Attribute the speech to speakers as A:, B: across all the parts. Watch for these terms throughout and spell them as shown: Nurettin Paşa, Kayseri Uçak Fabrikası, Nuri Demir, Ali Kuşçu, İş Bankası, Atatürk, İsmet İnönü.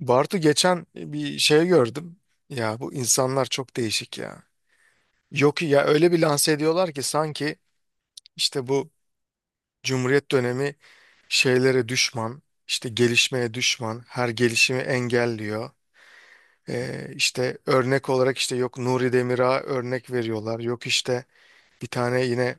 A: Bartu geçen bir şey gördüm. Ya bu insanlar çok değişik ya. Yok ya öyle bir lanse ediyorlar ki sanki işte bu Cumhuriyet dönemi şeylere düşman, işte gelişmeye düşman, her gelişimi engelliyor. İşte örnek olarak işte yok Nuri Demir'a örnek veriyorlar. Yok işte bir tane yine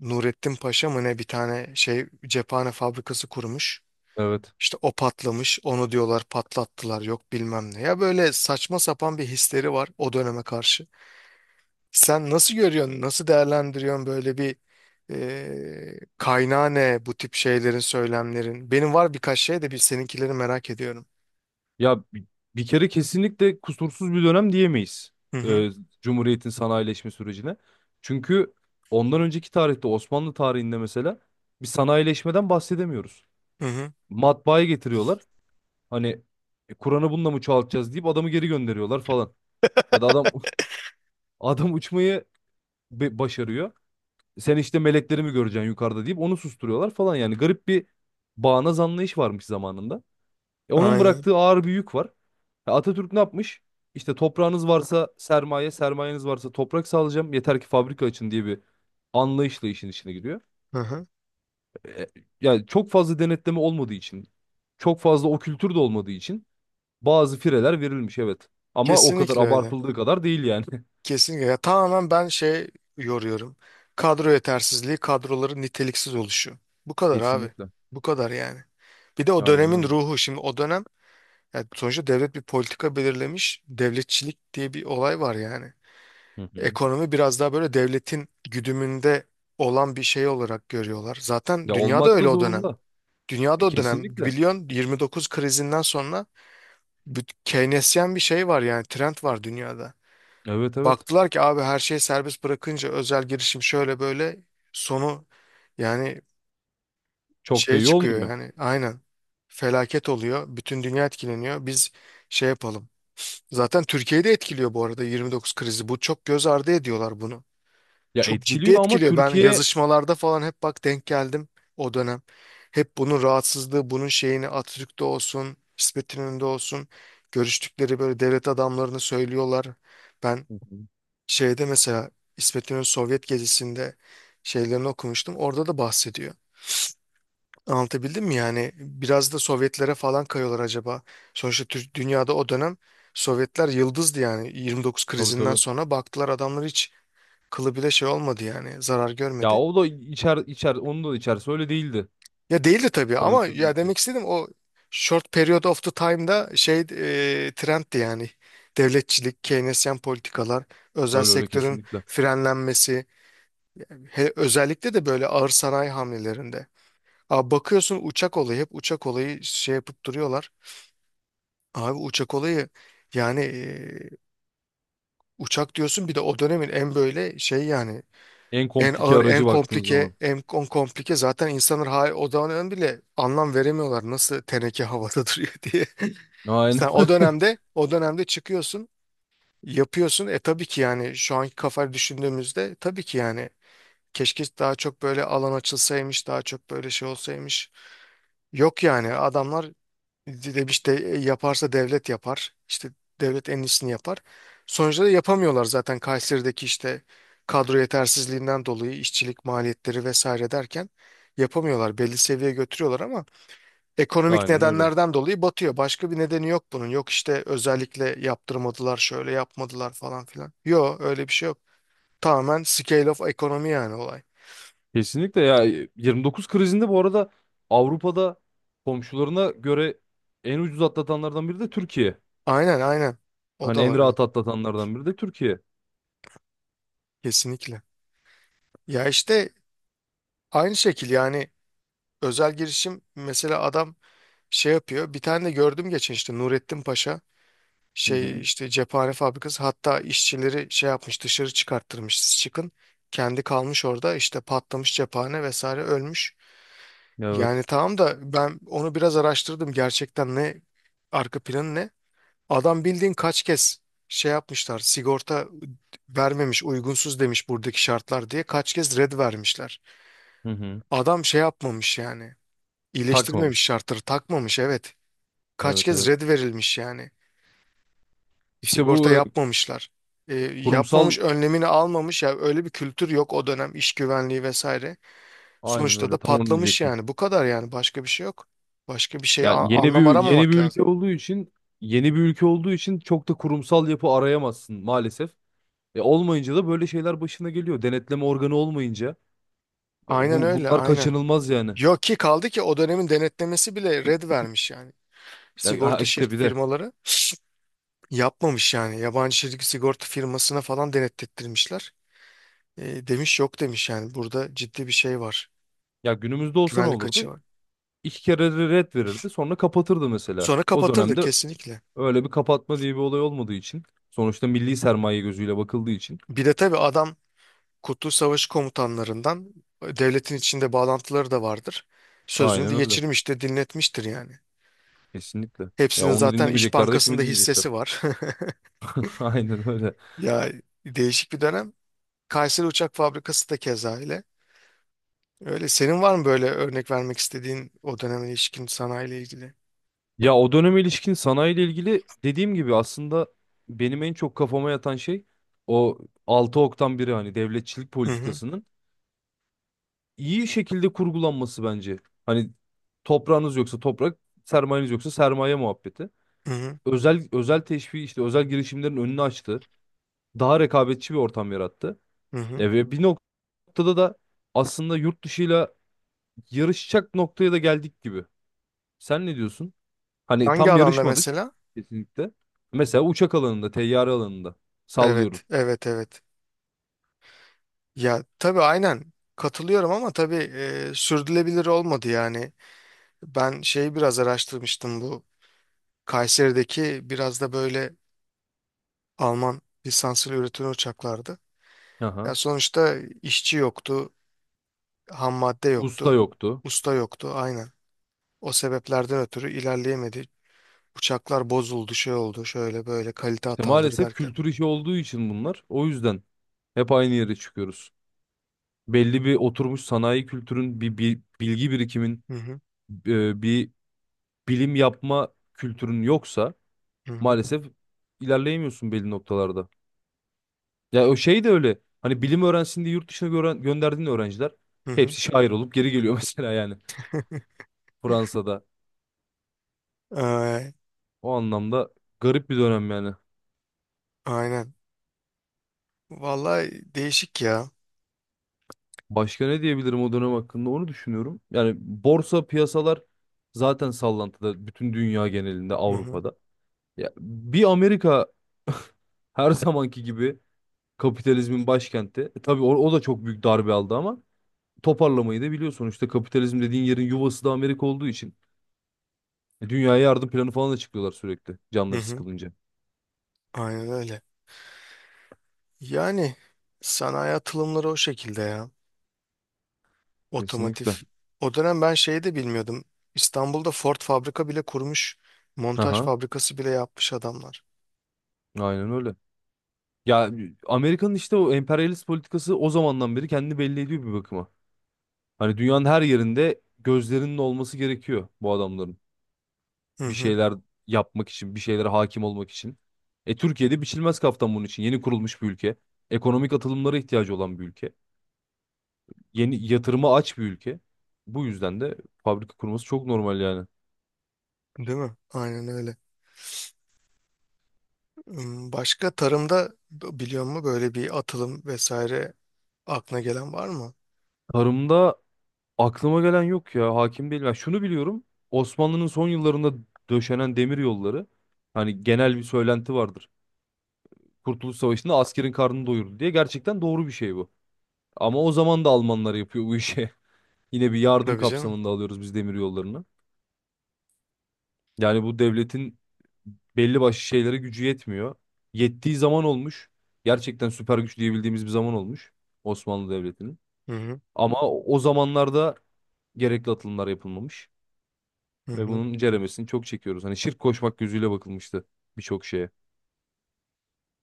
A: Nurettin Paşa mı ne bir tane şey cephane fabrikası kurmuş.
B: Evet.
A: İşte o patlamış, onu diyorlar patlattılar, yok bilmem ne. Ya böyle saçma sapan bir hisleri var o döneme karşı. Sen nasıl görüyorsun, nasıl değerlendiriyorsun böyle bir kaynağı ne bu tip şeylerin, söylemlerin? Benim var birkaç şey de bir seninkileri merak ediyorum.
B: Ya bi- bir kere kesinlikle kusursuz bir dönem diyemeyiz.
A: Hı hı,
B: e, Cumhuriyet'in sanayileşme sürecine. Çünkü ondan önceki tarihte Osmanlı tarihinde mesela bir sanayileşmeden bahsedemiyoruz.
A: hı hı.
B: Matbaayı getiriyorlar. Hani "E, Kur'an'ı bununla mı çoğaltacağız deyip adamı geri gönderiyorlar falan. Ya da adam adam uçmayı başarıyor. Sen işte melekleri mi göreceksin yukarıda deyip onu susturuyorlar falan. Yani garip bir bağnaz anlayış varmış zamanında. E, onun
A: Aynen.
B: bıraktığı ağır bir yük var. E, Atatürk ne yapmış? İşte toprağınız varsa sermaye, sermayeniz varsa toprak sağlayacağım. Yeter ki fabrika açın diye bir anlayışla işin içine giriyor.
A: Hı hı.
B: E, yani çok fazla denetleme olmadığı için, çok fazla o kültür de olmadığı için bazı fireler verilmiş, evet. Ama o kadar
A: Kesinlikle öyle.
B: abartıldığı kadar değil yani.
A: Kesinlikle. Ya tamamen ben şey yoruyorum. Kadro yetersizliği, kadroların niteliksiz oluşu. Bu kadar abi.
B: Kesinlikle.
A: Bu kadar yani. Bir de o
B: Aynen
A: dönemin
B: öyle.
A: ruhu. Şimdi o dönem, yani sonuçta devlet bir politika belirlemiş. Devletçilik diye bir olay var yani.
B: Hı hı.
A: Ekonomi biraz daha böyle devletin güdümünde olan bir şey olarak görüyorlar. Zaten
B: Ya
A: dünyada
B: olmak da
A: öyle o dönem.
B: zorunda. E,
A: Dünyada o dönem
B: kesinlikle.
A: biliyorsun 29 krizinden sonra bir Keynesyen bir şey var yani trend var dünyada.
B: Evet, evet.
A: Baktılar ki abi her şeyi serbest bırakınca özel girişim şöyle böyle sonu yani
B: Çok da
A: şey
B: iyi
A: çıkıyor
B: olmuyor.
A: yani aynen felaket oluyor. Bütün dünya etkileniyor. Biz şey yapalım. Zaten Türkiye'de etkiliyor bu arada 29 krizi. Bu çok göz ardı ediyorlar bunu.
B: Ya
A: Çok ciddi
B: etkiliyor ama
A: etkiliyor. Ben
B: Türkiye.
A: yazışmalarda falan hep bak denk geldim o dönem. Hep bunun rahatsızlığı, bunun şeyini Atatürk'te olsun, İsmet İnönü'nde olsun. Görüştükleri böyle devlet adamlarını söylüyorlar. Ben
B: Hı hı.
A: şeyde mesela İsmet İnönü Sovyet gezisinde şeylerini okumuştum. Orada da bahsediyor. Anlatabildim mi yani? Biraz da Sovyetlere falan kayıyorlar acaba. Sonuçta dünyada o dönem Sovyetler yıldızdı yani. 29
B: Tabii,
A: krizinden
B: tabii.
A: sonra baktılar adamlar hiç kılı bile şey olmadı yani. Zarar
B: Ya
A: görmedi.
B: o da içer içer, onun da içerisi öyle değildi.
A: Ya değildi tabii ama
B: Corvette'den de
A: ya
B: içiyor.
A: demek istedim o short period of the time'da şey trendti yani. Devletçilik, Keynesyen politikalar, özel
B: Öyle öyle,
A: sektörün
B: kesinlikle.
A: frenlenmesi, özellikle de böyle ağır sanayi hamlelerinde. Aa, bakıyorsun uçak olayı hep uçak olayı şey yapıp duruyorlar. Abi uçak olayı yani uçak diyorsun bir de o dönemin en böyle şey yani
B: En
A: en
B: komplike
A: ağır en
B: aracı baktığın
A: komplike
B: zaman.
A: en komplike zaten insanlar hala o dönem bile anlam veremiyorlar nasıl teneke havada duruyor diye. Sen
B: Aynen.
A: o dönemde o dönemde çıkıyorsun yapıyorsun e tabii ki yani şu anki kafayı düşündüğümüzde tabii ki yani keşke daha çok böyle alan açılsaymış daha çok böyle şey olsaymış. Yok yani adamlar demiş işte yaparsa devlet yapar. İşte devlet en iyisini yapar. Sonuçta da yapamıyorlar zaten Kayseri'deki işte kadro yetersizliğinden dolayı işçilik maliyetleri vesaire derken yapamıyorlar. Belli seviyeye götürüyorlar ama ekonomik
B: Aynen öyle.
A: nedenlerden dolayı batıyor. Başka bir nedeni yok bunun. Yok işte özellikle yaptırmadılar şöyle yapmadılar falan filan. Yok öyle bir şey yok. Tamamen scale of ekonomi yani olay.
B: Kesinlikle ya, 29 krizinde bu arada Avrupa'da komşularına göre en ucuz atlatanlardan biri de Türkiye.
A: Aynen aynen. O
B: Hani
A: da
B: en
A: var
B: rahat
A: evet.
B: atlatanlardan biri de Türkiye.
A: Kesinlikle. Ya işte aynı şekil yani özel girişim mesela adam şey yapıyor. Bir tane de gördüm geçen işte Nurettin Paşa
B: Hı
A: şey
B: hı.
A: işte cephane fabrikası hatta işçileri şey yapmış dışarı çıkarttırmış siz çıkın. Kendi kalmış orada işte patlamış cephane vesaire ölmüş.
B: Evet.
A: Yani tamam da ben onu biraz araştırdım gerçekten ne arka planı ne? Adam bildiğin kaç kez şey yapmışlar sigorta vermemiş uygunsuz demiş buradaki şartlar diye kaç kez red vermişler.
B: Hı hı.
A: Adam şey yapmamış yani iyileştirmemiş
B: Takmamış.
A: şartları takmamış evet. Kaç
B: Evet,
A: kez
B: evet.
A: red verilmiş yani.
B: İşte
A: Sigorta
B: bu e,
A: yapmamışlar. E,
B: kurumsal,
A: yapmamış önlemini almamış ya öyle bir kültür yok o dönem iş güvenliği vesaire.
B: aynen
A: Sonuçta da
B: öyle, tam onu
A: patlamış
B: diyecektim.
A: yani bu kadar yani başka bir şey yok. Başka bir şey
B: Yani yeni
A: anlam
B: bir yeni bir
A: aramamak lazım.
B: ülke olduğu için, yeni bir ülke olduğu için çok da kurumsal yapı arayamazsın maalesef. E olmayınca da böyle şeyler başına geliyor. Denetleme organı olmayınca e,
A: Aynen
B: bu
A: öyle
B: bunlar
A: aynen.
B: kaçınılmaz yani.
A: Yok ki kaldı ki o dönemin denetlemesi bile red vermiş yani.
B: Ya ha
A: Sigorta
B: işte
A: şirk
B: bir de,
A: firmaları yapmamış yani. Yabancı şirk sigorta firmasına falan denetlettirmişler. Demiş yok demiş yani burada ciddi bir şey var.
B: ya günümüzde olsa ne
A: Güvenlik açığı
B: olurdu?
A: var.
B: İki kere de red verirdi, sonra kapatırdı mesela.
A: Sonra
B: O
A: kapatırdı
B: dönemde
A: kesinlikle.
B: öyle bir kapatma diye bir olay olmadığı için, sonuçta milli sermaye gözüyle bakıldığı için
A: Bir de tabii adam Kurtuluş Savaşı komutanlarından, devletin içinde bağlantıları da vardır. Sözünü de
B: aynen öyle.
A: geçirmiş de dinletmiştir yani.
B: Kesinlikle. Ya
A: Hepsinin
B: onu
A: zaten İş
B: dinlemeyecekler de kimi
A: Bankası'nda hissesi
B: dinleyecekler?
A: var.
B: Aynen öyle.
A: Ya değişik bir dönem. Kayseri Uçak Fabrikası da keza öyle. Öyle. Senin var mı böyle örnek vermek istediğin o döneme ilişkin sanayiyle ilgili?
B: Ya o döneme ilişkin sanayiyle ilgili, dediğim gibi aslında benim en çok kafama yatan şey o 6 oktan biri, hani devletçilik
A: Hı hı,
B: politikasının iyi şekilde kurgulanması bence. Hani toprağınız yoksa toprak, sermayeniz yoksa sermaye muhabbeti.
A: hı hı,
B: Özel teşvik, işte özel girişimlerin önünü açtı. Daha rekabetçi bir ortam yarattı.
A: hı hı.
B: E ve bir noktada da aslında yurt dışıyla yarışacak noktaya da geldik gibi. Sen ne diyorsun? Hani
A: Hangi
B: tam
A: alanda
B: yarışmadık
A: mesela?
B: kesinlikle. Mesela uçak alanında, teyyare alanında sallıyorum.
A: Evet, evet, evet. Ya tabii aynen katılıyorum ama tabii sürdürülebilir olmadı yani. Ben şeyi biraz araştırmıştım bu Kayseri'deki biraz da böyle Alman lisanslı üretilen uçaklardı.
B: Aha.
A: Ya sonuçta işçi yoktu, ham madde
B: Usta
A: yoktu,
B: yoktu.
A: usta yoktu aynen. O sebeplerden ötürü ilerleyemedi. Uçaklar bozuldu, şey oldu, şöyle böyle kalite
B: İşte
A: hataları
B: maalesef
A: derken.
B: kültür işi olduğu için bunlar. O yüzden hep aynı yere çıkıyoruz. Belli bir oturmuş sanayi kültürün, bir bilgi birikimin,
A: Hı hı,
B: bir bilim yapma kültürün yoksa
A: hı hı.
B: maalesef ilerleyemiyorsun belli noktalarda. Ya o şey de öyle. Hani bilim öğrensin diye yurt dışına gören, gönderdiğin öğrenciler
A: Hı hı.
B: hepsi şair olup geri geliyor mesela, yani Fransa'da.
A: Ee,
B: O anlamda garip bir dönem yani.
A: aynen. Vallahi değişik ya.
B: Başka ne diyebilirim o dönem hakkında, onu düşünüyorum. Yani borsa piyasalar zaten sallantıda bütün dünya genelinde,
A: Hı hı,
B: Avrupa'da. Ya bir Amerika her zamanki gibi kapitalizmin başkenti. E, tabii o da çok büyük darbe aldı ama toparlamayı da biliyor sonuçta, kapitalizm dediğin yerin yuvası da Amerika olduğu için. E, dünyaya yardım planı falan da çıkıyorlar sürekli
A: hı
B: canları
A: hı.
B: sıkılınca.
A: Aynen öyle. Yani sanayi atılımları o şekilde ya. Otomotiv.
B: Kesinlikle.
A: O dönem ben şeyi de bilmiyordum. İstanbul'da Ford fabrika bile kurmuş. Montaj
B: Aha,
A: fabrikası bile yapmış adamlar.
B: aynen öyle. Ya Amerika'nın işte o emperyalist politikası o zamandan beri kendini belli ediyor bir bakıma. Hani dünyanın her yerinde gözlerinin olması gerekiyor bu adamların.
A: Hı
B: Bir
A: hı.
B: şeyler yapmak için, bir şeylere hakim olmak için. E Türkiye'de biçilmez kaftan bunun için. Yeni kurulmuş bir ülke. Ekonomik atılımlara ihtiyacı olan bir ülke. Yeni yatırıma aç bir ülke. Bu yüzden de fabrika kurması çok normal yani.
A: Değil mi? Aynen öyle. Hmm, başka tarımda biliyor musun böyle bir atılım vesaire aklına gelen var mı?
B: Tarımda aklıma gelen yok ya. Hakim değilim. Ya şunu biliyorum. Osmanlı'nın son yıllarında döşenen demir yolları. Hani genel bir söylenti vardır. Kurtuluş Savaşı'nda askerin karnını doyurdu diye, gerçekten doğru bir şey bu. Ama o zaman da Almanlar yapıyor bu işi. Yine bir yardım
A: Tabii canım.
B: kapsamında alıyoruz biz demir yollarını. Yani bu devletin belli başlı şeylere gücü yetmiyor. Yettiği zaman olmuş. Gerçekten süper güç diyebildiğimiz bir zaman olmuş Osmanlı Devleti'nin.
A: Hı hı.
B: Ama o zamanlarda gerekli atılımlar yapılmamış
A: Hı
B: ve
A: hı.
B: bunun ceremesini çok çekiyoruz. Hani şirk koşmak gözüyle bakılmıştı birçok şeye.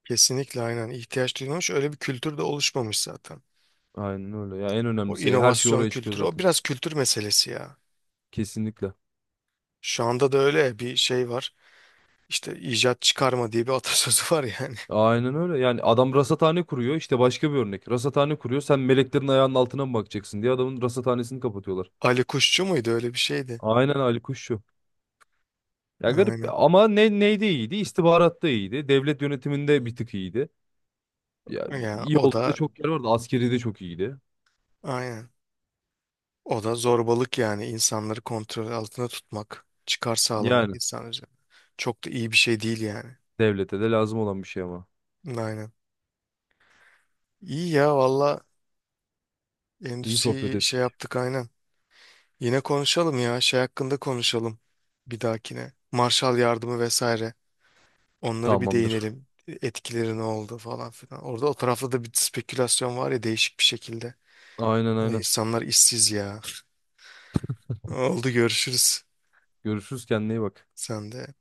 A: Kesinlikle aynen. İhtiyaç duyulmuş. Öyle bir kültür de oluşmamış zaten.
B: Aynen öyle. Ya en
A: O
B: önemlisi her şey
A: inovasyon
B: oraya çıkıyor
A: kültürü. O
B: zaten.
A: biraz kültür meselesi ya.
B: Kesinlikle.
A: Şu anda da öyle bir şey var. İşte icat çıkarma diye bir atasözü var yani.
B: Aynen öyle. Yani adam rasathane kuruyor. İşte başka bir örnek. Rasathane kuruyor. Sen meleklerin ayağının altına mı bakacaksın diye adamın rasathanesini kapatıyorlar.
A: Ali Kuşçu muydu öyle bir şeydi.
B: Aynen, Ali Kuşçu. Ya garip,
A: Aynen.
B: ama ne neyde iyiydi? İstihbaratta iyiydi. Devlet yönetiminde bir tık iyiydi. Ya
A: Ya
B: iyi
A: o
B: olduğu da
A: da
B: çok yer vardı. Askeri de çok iyiydi.
A: aynen. O da zorbalık yani insanları kontrol altında tutmak, çıkar sağlamak
B: Yani
A: insan üzerine. Çok da iyi bir şey değil yani.
B: devlete de lazım olan bir şey ama.
A: Aynen. İyi ya valla
B: İyi sohbet
A: endüstriyi
B: et.
A: şey yaptık aynen. Yine konuşalım ya şey hakkında konuşalım bir dahakine. Marshall yardımı vesaire. Onlara bir
B: Tamamdır.
A: değinelim. Etkileri ne oldu falan filan. Orada o tarafta da bir spekülasyon var ya değişik bir şekilde.
B: Aynen,
A: Valla
B: aynen.
A: insanlar işsiz ya. Oldu görüşürüz.
B: Görüşürüz, kendine iyi bak.
A: Sen de